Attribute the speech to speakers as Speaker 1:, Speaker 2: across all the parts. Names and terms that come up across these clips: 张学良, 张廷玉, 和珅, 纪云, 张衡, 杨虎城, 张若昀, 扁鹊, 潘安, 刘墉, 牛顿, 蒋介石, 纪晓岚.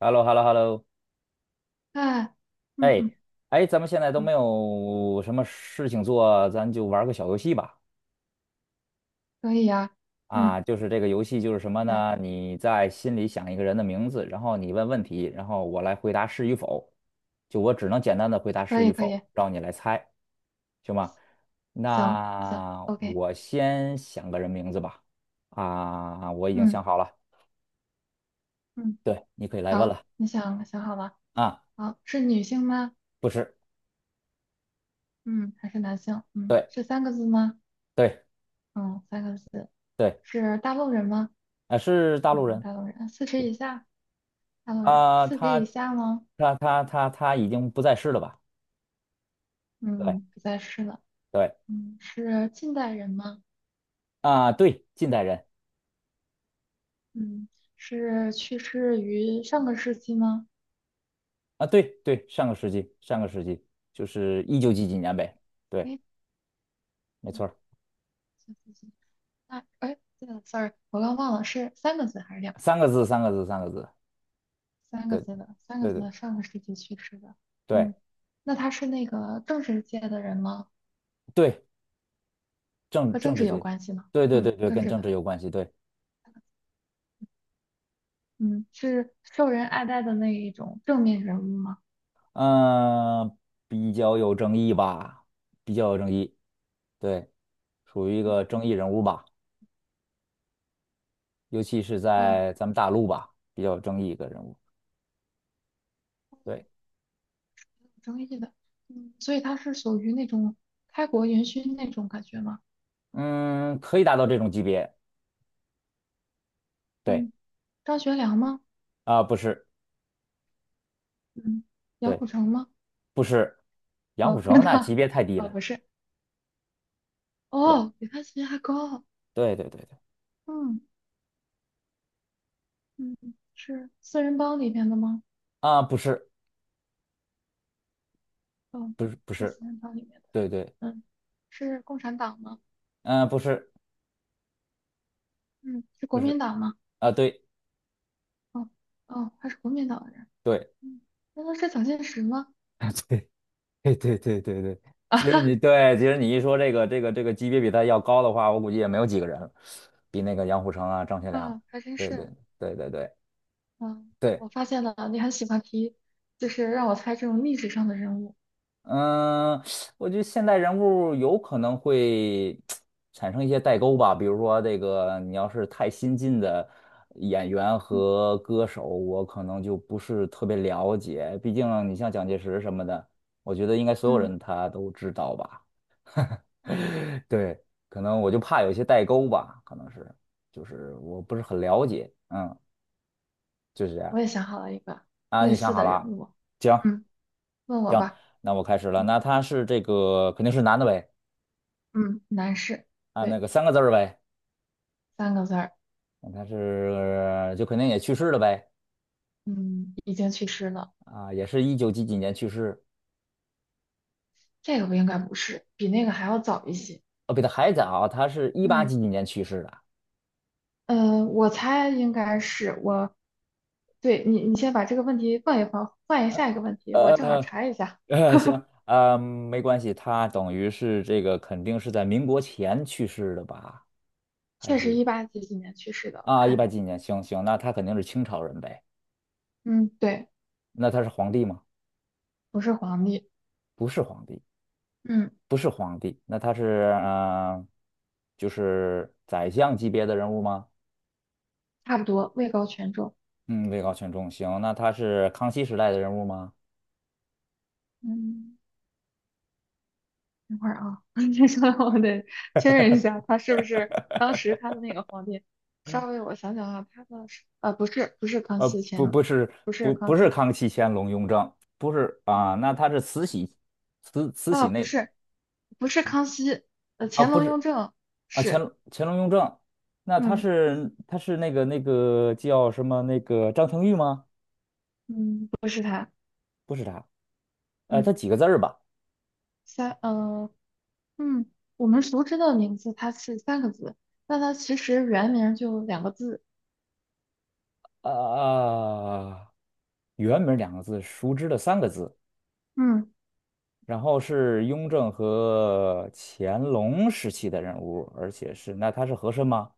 Speaker 1: h e l l o h e l l o h e l l o
Speaker 2: 哎。嗯
Speaker 1: 哎
Speaker 2: 嗯。
Speaker 1: 哎，咱们现在都没
Speaker 2: 嗯。
Speaker 1: 有什么事情做，咱就玩个小游戏吧。
Speaker 2: 可以呀。嗯，
Speaker 1: 啊，就是这个游戏就是什么
Speaker 2: 来。
Speaker 1: 呢？你在心里想一个人的名字，然后你问问题，然后我来回答是与否。就我只能简单的回答
Speaker 2: 可
Speaker 1: 是
Speaker 2: 以
Speaker 1: 与
Speaker 2: 可以。
Speaker 1: 否，让你来猜，行吗？
Speaker 2: 行行
Speaker 1: 那
Speaker 2: ，OK。
Speaker 1: 我先想个人名字吧。啊，我已经
Speaker 2: 嗯
Speaker 1: 想好了，
Speaker 2: 嗯。
Speaker 1: 对，你可以来问
Speaker 2: 好，
Speaker 1: 了。
Speaker 2: 你想想好了。
Speaker 1: 啊，
Speaker 2: 好，是女性吗？
Speaker 1: 不是，
Speaker 2: 嗯，还是男性？嗯，
Speaker 1: 对
Speaker 2: 是三个字吗？
Speaker 1: 对
Speaker 2: 嗯，三个字。
Speaker 1: 对，
Speaker 2: 是大陆人吗？
Speaker 1: 啊，是大陆
Speaker 2: 嗯，
Speaker 1: 人。
Speaker 2: 大陆人，四十以下。大陆人，
Speaker 1: 啊、
Speaker 2: 四十
Speaker 1: 他
Speaker 2: 以下吗？
Speaker 1: 已经不在世了吧？对
Speaker 2: 嗯，不再是了。
Speaker 1: 对
Speaker 2: 嗯，是近代人吗？
Speaker 1: 啊、对，近代人
Speaker 2: 嗯，是去世于上个世纪吗？
Speaker 1: 啊，对对，上个世纪上个世纪就是一九几几年呗，对，
Speaker 2: 诶，
Speaker 1: 没错儿，
Speaker 2: 嗯那哎，对了，sorry，我刚忘了是三个字还是两个
Speaker 1: 三
Speaker 2: 字？
Speaker 1: 个字三个字三个字，
Speaker 2: 三个
Speaker 1: 对
Speaker 2: 字的，三个
Speaker 1: 对
Speaker 2: 字
Speaker 1: 对
Speaker 2: 的，上个世纪去世的。
Speaker 1: 对
Speaker 2: 嗯，那他是那个政治界的人吗？
Speaker 1: 对，政
Speaker 2: 和政
Speaker 1: 政
Speaker 2: 治
Speaker 1: 治
Speaker 2: 有
Speaker 1: 界，
Speaker 2: 关系吗？
Speaker 1: 对对
Speaker 2: 嗯，
Speaker 1: 对对，
Speaker 2: 政
Speaker 1: 跟
Speaker 2: 治
Speaker 1: 政
Speaker 2: 的。
Speaker 1: 治有关系，对，
Speaker 2: 嗯，是受人爱戴的那一种正面人物吗？
Speaker 1: 嗯、比较有争议吧，比较有争议，对，属于一个争议人物吧，尤其是
Speaker 2: 哦，
Speaker 1: 在咱们大陆吧，比较有争议一个人物。对。
Speaker 2: 有争议的。嗯，所以他是属于那种开国元勋那种感觉吗？
Speaker 1: 嗯，可以达到这种级别。对，
Speaker 2: 嗯，张学良吗？
Speaker 1: 啊、不是，
Speaker 2: 嗯，杨
Speaker 1: 对，
Speaker 2: 虎城吗？
Speaker 1: 不是，杨虎
Speaker 2: 哦，天
Speaker 1: 城那
Speaker 2: 呐。
Speaker 1: 级别太低
Speaker 2: 哦，
Speaker 1: 了。
Speaker 2: 不是。
Speaker 1: 对，
Speaker 2: 哦，比他级别还高啊。
Speaker 1: 对，对，对，对，
Speaker 2: 嗯。嗯，是四人帮里面的吗？
Speaker 1: 啊、不是，
Speaker 2: 哦，
Speaker 1: 不是，
Speaker 2: 不
Speaker 1: 不
Speaker 2: 是
Speaker 1: 是，
Speaker 2: 四人帮里面的。
Speaker 1: 对对，
Speaker 2: 嗯，是共产党吗？
Speaker 1: 嗯、不是，
Speaker 2: 嗯，是
Speaker 1: 不
Speaker 2: 国民
Speaker 1: 是，
Speaker 2: 党吗？
Speaker 1: 啊、对，
Speaker 2: 哦。哦，他是国民党的人。
Speaker 1: 对，
Speaker 2: 嗯，难道是蒋介石吗？
Speaker 1: 对，对，对，对，对，对。
Speaker 2: 啊
Speaker 1: 其实
Speaker 2: 哈。
Speaker 1: 你对，其实你一说这个级别比他要高的话，我估计也没有几个人了，比那个杨虎城啊、张学良。
Speaker 2: 啊，还真
Speaker 1: 对，对，
Speaker 2: 是。
Speaker 1: 对，对，对，
Speaker 2: 嗯，
Speaker 1: 对。
Speaker 2: 我发现了，你很喜欢提，就是让我猜这种历史上的人物。
Speaker 1: 嗯，我觉得现代人物有可能会产生一些代沟吧，比如说这个，你要是太新进的演员
Speaker 2: 嗯
Speaker 1: 和歌手，我可能就不是特别了解。毕竟你像蒋介石什么的，我觉得应该所有
Speaker 2: 嗯，
Speaker 1: 人他都知道吧。对，可能我就怕有一些代沟吧，可能是，就是我不是很了解。嗯，就是这样。
Speaker 2: 我也想好了一个
Speaker 1: 啊，
Speaker 2: 类
Speaker 1: 你想
Speaker 2: 似
Speaker 1: 好
Speaker 2: 的人
Speaker 1: 了？
Speaker 2: 物。
Speaker 1: 行
Speaker 2: 嗯，问我
Speaker 1: 行，
Speaker 2: 吧。
Speaker 1: 那我开始了。
Speaker 2: 嗯
Speaker 1: 那他是这个肯定是男的呗。
Speaker 2: 嗯，男士。
Speaker 1: 啊，那
Speaker 2: 对，
Speaker 1: 个三个字儿呗，
Speaker 2: 三个字儿。
Speaker 1: 他是就肯定也去世了呗，
Speaker 2: 嗯，已经去世了。
Speaker 1: 啊，也是一九几几年去世，
Speaker 2: 这个不应该不是，比那个还要早一些。
Speaker 1: 哦，比他还早，他是一八
Speaker 2: 嗯
Speaker 1: 几几年去世的，
Speaker 2: 我猜应该是我，对你，你先把这个问题放一放，换一下一个问题，我正好
Speaker 1: 呃
Speaker 2: 查一下。
Speaker 1: 行，没关系，他等于是这个肯定是在民国前去世的吧？还
Speaker 2: 确实
Speaker 1: 是
Speaker 2: 一八几几年去世的，我
Speaker 1: 啊，一
Speaker 2: 看
Speaker 1: 八
Speaker 2: 见
Speaker 1: 几
Speaker 2: 了。
Speaker 1: 几年，行行，那他肯定是清朝人呗，
Speaker 2: 嗯，对，
Speaker 1: 那他是皇帝吗？
Speaker 2: 不是皇帝。
Speaker 1: 不是皇帝，
Speaker 2: 嗯
Speaker 1: 不是皇帝，那他是呃就是宰相级别的人物吗？
Speaker 2: 差不多位高权重。
Speaker 1: 嗯，位高权重，行，那他是康熙时代的人物吗？
Speaker 2: 嗯等会儿啊，你说的我得确认一下，他是不是当时他的那个皇帝？稍微我想想啊，他的是不是不是康熙乾
Speaker 1: 不，
Speaker 2: 隆。
Speaker 1: 不是，
Speaker 2: 不是
Speaker 1: 不，
Speaker 2: 康
Speaker 1: 不是
Speaker 2: 熙。
Speaker 1: 康熙、乾隆、雍正，不是啊，那他是慈禧，慈禧
Speaker 2: 啊，不
Speaker 1: 那
Speaker 2: 是，不是康熙，
Speaker 1: 啊，
Speaker 2: 乾
Speaker 1: 不
Speaker 2: 隆、雍
Speaker 1: 是
Speaker 2: 正
Speaker 1: 啊，乾
Speaker 2: 是。
Speaker 1: 隆、乾隆、雍正，那他
Speaker 2: 嗯
Speaker 1: 是那个叫什么那个张廷玉吗？
Speaker 2: 嗯，不是他？
Speaker 1: 不是他，
Speaker 2: 嗯
Speaker 1: 他几个字儿吧？
Speaker 2: 三，嗯，我们熟知的名字它是三个字，但它其实原名就两个字。
Speaker 1: 啊、啊，原名两个字，熟知的三个字，
Speaker 2: 嗯
Speaker 1: 然后是雍正和乾隆时期的人物，而且是那他是和珅吗？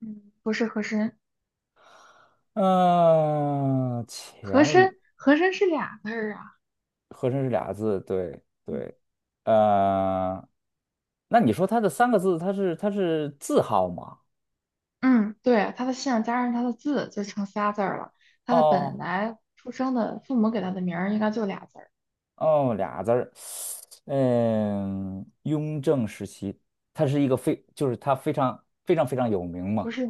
Speaker 2: 嗯，不是和珅。
Speaker 1: 嗯、
Speaker 2: 和
Speaker 1: 乾隆
Speaker 2: 珅，和珅是俩字儿啊。
Speaker 1: 和珅是俩字，对对，呃，那你说他的三个字，他是字号吗？
Speaker 2: 嗯，对，他的姓加上他的字就成仨字儿了，他的本
Speaker 1: 哦
Speaker 2: 来出生的父母给他的名儿应该就俩字儿。
Speaker 1: 哦，俩字儿，嗯，雍正时期，他是一个非就是他非常非常非常有名
Speaker 2: 不
Speaker 1: 嘛，
Speaker 2: 是，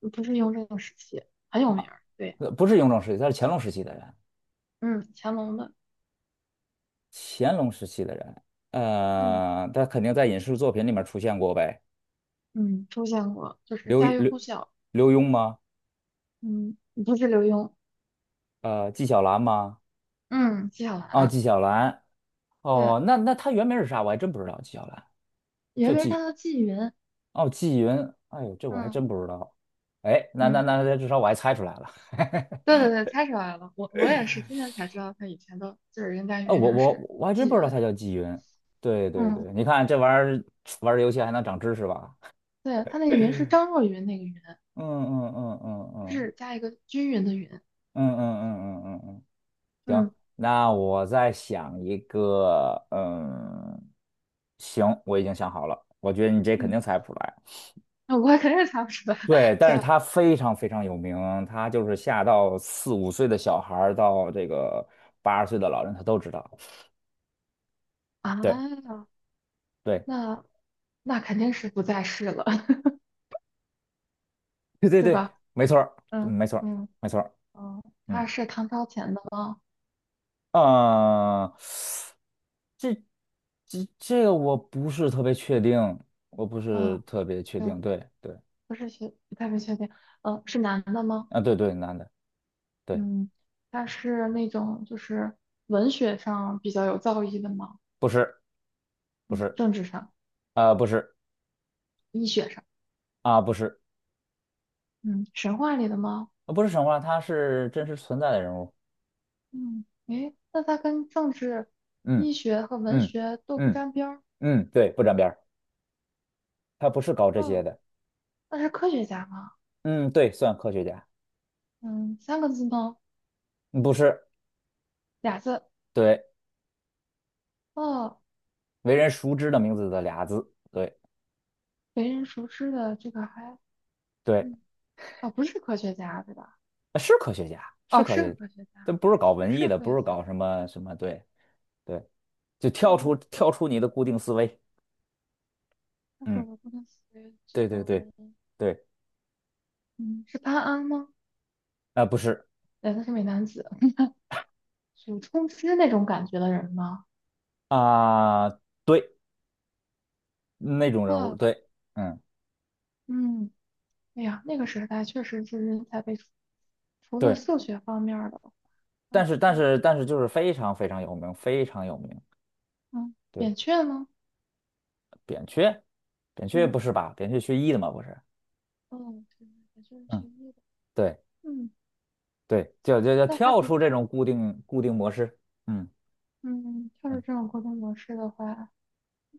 Speaker 2: 不是雍正时期。很有名儿，对。
Speaker 1: 不是雍正时期，他是乾隆时期的人。
Speaker 2: 嗯，乾隆的。
Speaker 1: 乾隆时期的人，
Speaker 2: 嗯。
Speaker 1: 他肯定在影视作品里面出现过呗。
Speaker 2: 嗯，出现过，就是
Speaker 1: 刘
Speaker 2: 家喻
Speaker 1: 刘
Speaker 2: 户晓。
Speaker 1: 刘墉吗？
Speaker 2: 嗯，不是刘墉。
Speaker 1: 纪晓岚吗？
Speaker 2: 嗯，纪晓
Speaker 1: 哦，
Speaker 2: 岚。
Speaker 1: 纪晓岚。
Speaker 2: 对，
Speaker 1: 哦，那他原名是啥？我还真不知道。纪晓岚叫
Speaker 2: 原名他
Speaker 1: 纪，
Speaker 2: 叫纪云。
Speaker 1: 哦，纪云。哎呦，这我还
Speaker 2: 嗯
Speaker 1: 真不知道。哎，那那
Speaker 2: 嗯，
Speaker 1: 那，至少我还猜出来了。
Speaker 2: 对对对，猜出来了。我也是今天才知道他以前的，就是人家
Speaker 1: 啊，
Speaker 2: 原名是
Speaker 1: 我还真
Speaker 2: 纪
Speaker 1: 不知道
Speaker 2: 云。
Speaker 1: 他叫纪云。对对
Speaker 2: 嗯，
Speaker 1: 对，你看这玩意儿玩儿游戏还能长知识吧？
Speaker 2: 对，他那云是张若昀那个云。
Speaker 1: 嗯嗯嗯嗯
Speaker 2: 日加一个均匀的匀。
Speaker 1: 嗯嗯嗯嗯嗯嗯嗯嗯。
Speaker 2: 嗯
Speaker 1: 行，那我再想一个，嗯，行，我已经想好了，我觉得你这肯
Speaker 2: 嗯，
Speaker 1: 定猜不出来。
Speaker 2: 那我肯定猜不出来，
Speaker 1: 对，但
Speaker 2: 这
Speaker 1: 是他非常非常有名，他就是下到四五岁的小孩儿到这个80岁的老人，他都知道。对，
Speaker 2: 啊，
Speaker 1: 对，
Speaker 2: 那那肯定是不在世了，
Speaker 1: 对对
Speaker 2: 对
Speaker 1: 对，
Speaker 2: 吧？
Speaker 1: 没错儿嗯
Speaker 2: 嗯
Speaker 1: 没错儿
Speaker 2: 嗯。
Speaker 1: 没错儿
Speaker 2: 嗯，
Speaker 1: 嗯，
Speaker 2: 他是唐朝前的吗？
Speaker 1: 呃，这这个我不是特别确定，我不是
Speaker 2: 嗯，
Speaker 1: 特别确定。对对，
Speaker 2: 不是学，不太是确定。是男的吗？
Speaker 1: 啊，对对，男的，对，
Speaker 2: 嗯，他是那种就是文学上比较有造诣的吗？
Speaker 1: 不是。不
Speaker 2: 嗯，
Speaker 1: 是，
Speaker 2: 政治上、
Speaker 1: 啊，不是，
Speaker 2: 医学上。
Speaker 1: 啊，不是，
Speaker 2: 嗯，神话里的吗？
Speaker 1: 不是神话，他是真实存在的人物。
Speaker 2: 嗯，诶，那他跟政治、
Speaker 1: 嗯
Speaker 2: 医学和文
Speaker 1: 嗯
Speaker 2: 学都不
Speaker 1: 嗯
Speaker 2: 沾边儿。
Speaker 1: 嗯，对，不沾边儿，他不是搞这些
Speaker 2: 哦，
Speaker 1: 的。
Speaker 2: 那是科学家吗？
Speaker 1: 嗯，对，算科学家，
Speaker 2: 嗯，三个字吗？
Speaker 1: 嗯不是，
Speaker 2: 俩字。
Speaker 1: 对，
Speaker 2: 哦，
Speaker 1: 为人熟知的名字的俩字，对
Speaker 2: 为人熟知的这个还。
Speaker 1: 对，
Speaker 2: 嗯。哦，不是科学家对吧？
Speaker 1: 是科学家，是
Speaker 2: 哦，
Speaker 1: 科
Speaker 2: 是
Speaker 1: 学，
Speaker 2: 科学
Speaker 1: 他
Speaker 2: 家。
Speaker 1: 不是搞文艺
Speaker 2: 是
Speaker 1: 的，
Speaker 2: 科
Speaker 1: 不
Speaker 2: 学
Speaker 1: 是
Speaker 2: 家。
Speaker 1: 搞什么什么，对对，就
Speaker 2: 嗯。
Speaker 1: 跳出你的固定思维。
Speaker 2: 但是我
Speaker 1: 嗯，
Speaker 2: 都不能随这
Speaker 1: 对对
Speaker 2: 种
Speaker 1: 对
Speaker 2: 人。
Speaker 1: 对，
Speaker 2: 嗯，是潘安吗？
Speaker 1: 啊、不是
Speaker 2: 对，他是美男子，有冲之那种感觉的人吗？
Speaker 1: 啊、对，那种人物，
Speaker 2: 啊。
Speaker 1: 对，嗯，
Speaker 2: 嗯。哎呀，那个时代确实是人才辈出，除了
Speaker 1: 对。
Speaker 2: 数学方面儿的，那
Speaker 1: 但是
Speaker 2: 估计。
Speaker 1: 就是非常非常有名，非常有名。
Speaker 2: 嗯，
Speaker 1: 对，
Speaker 2: 扁鹊呢？
Speaker 1: 扁鹊，扁鹊
Speaker 2: 嗯，
Speaker 1: 不是吧？扁鹊学医的嘛，不是？
Speaker 2: 哦，对，扁鹊是学
Speaker 1: 嗯，
Speaker 2: 医的。
Speaker 1: 对
Speaker 2: 嗯，
Speaker 1: 对，就
Speaker 2: 那他
Speaker 1: 跳
Speaker 2: 的。
Speaker 1: 出这种固定模式。嗯
Speaker 2: 嗯，要是
Speaker 1: 嗯，
Speaker 2: 这种沟通模式的话，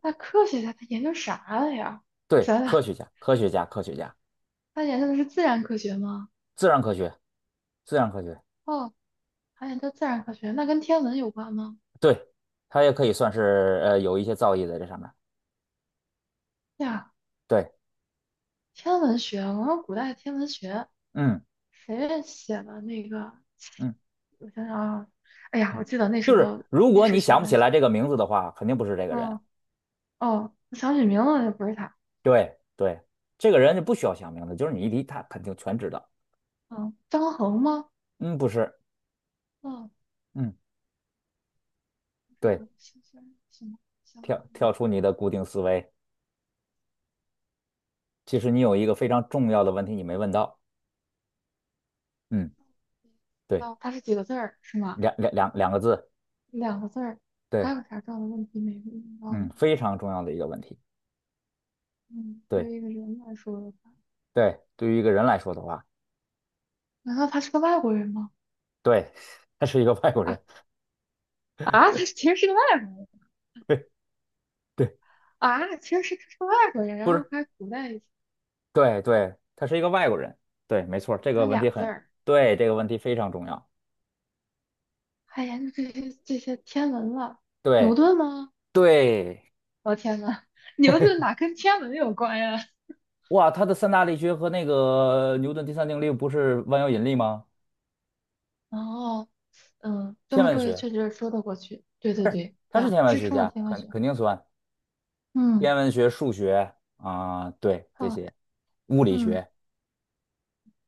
Speaker 2: 那科学家他研究啥了呀？
Speaker 1: 对，
Speaker 2: 想
Speaker 1: 科
Speaker 2: 想。
Speaker 1: 学家，科学家，科学家，
Speaker 2: 他研究的是自然科学吗？
Speaker 1: 自然科学，自然科学，
Speaker 2: 哦，还研究自然科学，那跟天文有关吗？
Speaker 1: 对，他也可以算是有一些造诣在这上面。
Speaker 2: 对呀，
Speaker 1: 对，
Speaker 2: 天文学，我说古代天文学。
Speaker 1: 嗯
Speaker 2: 谁写的那个？
Speaker 1: 嗯
Speaker 2: 我想想啊，哎呀，
Speaker 1: 嗯，
Speaker 2: 我记得那时
Speaker 1: 就是
Speaker 2: 候
Speaker 1: 如
Speaker 2: 历
Speaker 1: 果
Speaker 2: 史
Speaker 1: 你
Speaker 2: 学
Speaker 1: 想不
Speaker 2: 的
Speaker 1: 起来
Speaker 2: 写。
Speaker 1: 这个名字的话，肯定不是这个人。
Speaker 2: 嗯，哦，我想起名字了，不是他。
Speaker 1: 对对，这个人就不需要想名字，就是你一提他肯定全知道。
Speaker 2: 嗯，张衡吗？
Speaker 1: 嗯，不是。
Speaker 2: 嗯，
Speaker 1: 嗯，
Speaker 2: 不知道，
Speaker 1: 对，
Speaker 2: 是什么相关的？
Speaker 1: 跳出你的固定思维。其实你有一个非常重要的问题你没问到。嗯，对，
Speaker 2: 哦，他是几个字儿是吗？
Speaker 1: 两个字，
Speaker 2: 两个字儿。还
Speaker 1: 对，
Speaker 2: 有啥这样的问题没问到
Speaker 1: 嗯，
Speaker 2: 呢
Speaker 1: 非常重要的一个问题。
Speaker 2: 嗯，对
Speaker 1: 对
Speaker 2: 于一个人来说的话，
Speaker 1: 对，对于一个人来说的话，
Speaker 2: 难道他是个外国人吗？
Speaker 1: 对，他是一个外国
Speaker 2: 啊。
Speaker 1: 人。
Speaker 2: 啊，他其实是个外国人。
Speaker 1: 对对，
Speaker 2: 啊，其实是他是个外国人，然
Speaker 1: 不
Speaker 2: 后
Speaker 1: 是，
Speaker 2: 还古代
Speaker 1: 对对，他是一个外国人。对，没错，这
Speaker 2: 还
Speaker 1: 个问题
Speaker 2: 俩字
Speaker 1: 很，
Speaker 2: 儿。
Speaker 1: 对，这个问题非常重要。
Speaker 2: 还研究这些天文了？牛
Speaker 1: 对
Speaker 2: 顿吗？
Speaker 1: 对，
Speaker 2: 我、天呐，牛顿哪跟天文有关呀？
Speaker 1: 哇，他的三大力学和那个牛顿第三定律不是万有引力吗？
Speaker 2: 哦。嗯，这
Speaker 1: 天
Speaker 2: 么
Speaker 1: 文
Speaker 2: 说也
Speaker 1: 学，
Speaker 2: 确实说得过去。对对对，
Speaker 1: 他是
Speaker 2: 呀，
Speaker 1: 天文
Speaker 2: 支
Speaker 1: 学
Speaker 2: 撑了
Speaker 1: 家，
Speaker 2: 天文学。
Speaker 1: 肯定算。
Speaker 2: 嗯，
Speaker 1: 天文学、数学啊、对这
Speaker 2: 好。
Speaker 1: 些物理
Speaker 2: 嗯，
Speaker 1: 学，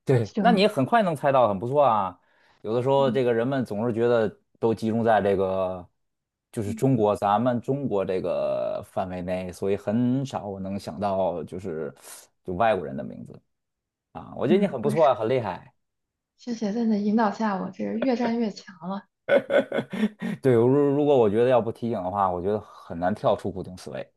Speaker 1: 对，那你
Speaker 2: 行。
Speaker 1: 很快能猜到，很不错啊。有的时候，
Speaker 2: 嗯
Speaker 1: 这个人们总是觉得都集中在这个，就是
Speaker 2: 嗯
Speaker 1: 咱们中国这个范围内，所以很少我能想到就是外国人的名字啊。我觉得你
Speaker 2: 嗯，
Speaker 1: 很不
Speaker 2: 我也
Speaker 1: 错
Speaker 2: 是。
Speaker 1: 啊，很厉害。
Speaker 2: 谢谢在你的引导下，我这越战越强了。
Speaker 1: 对，如果我觉得要不提醒的话，我觉得很难跳出固定思维，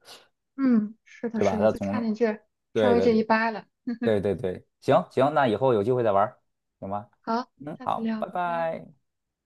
Speaker 2: 嗯，是的，
Speaker 1: 对吧？
Speaker 2: 是的，就差你这稍
Speaker 1: 对
Speaker 2: 微
Speaker 1: 对
Speaker 2: 这一
Speaker 1: 对。
Speaker 2: 掰了。
Speaker 1: 对对对，行行，那以后有机会再玩儿行吗？
Speaker 2: 好，
Speaker 1: 嗯，
Speaker 2: 下次
Speaker 1: 好，
Speaker 2: 聊，
Speaker 1: 拜
Speaker 2: 拜拜。
Speaker 1: 拜。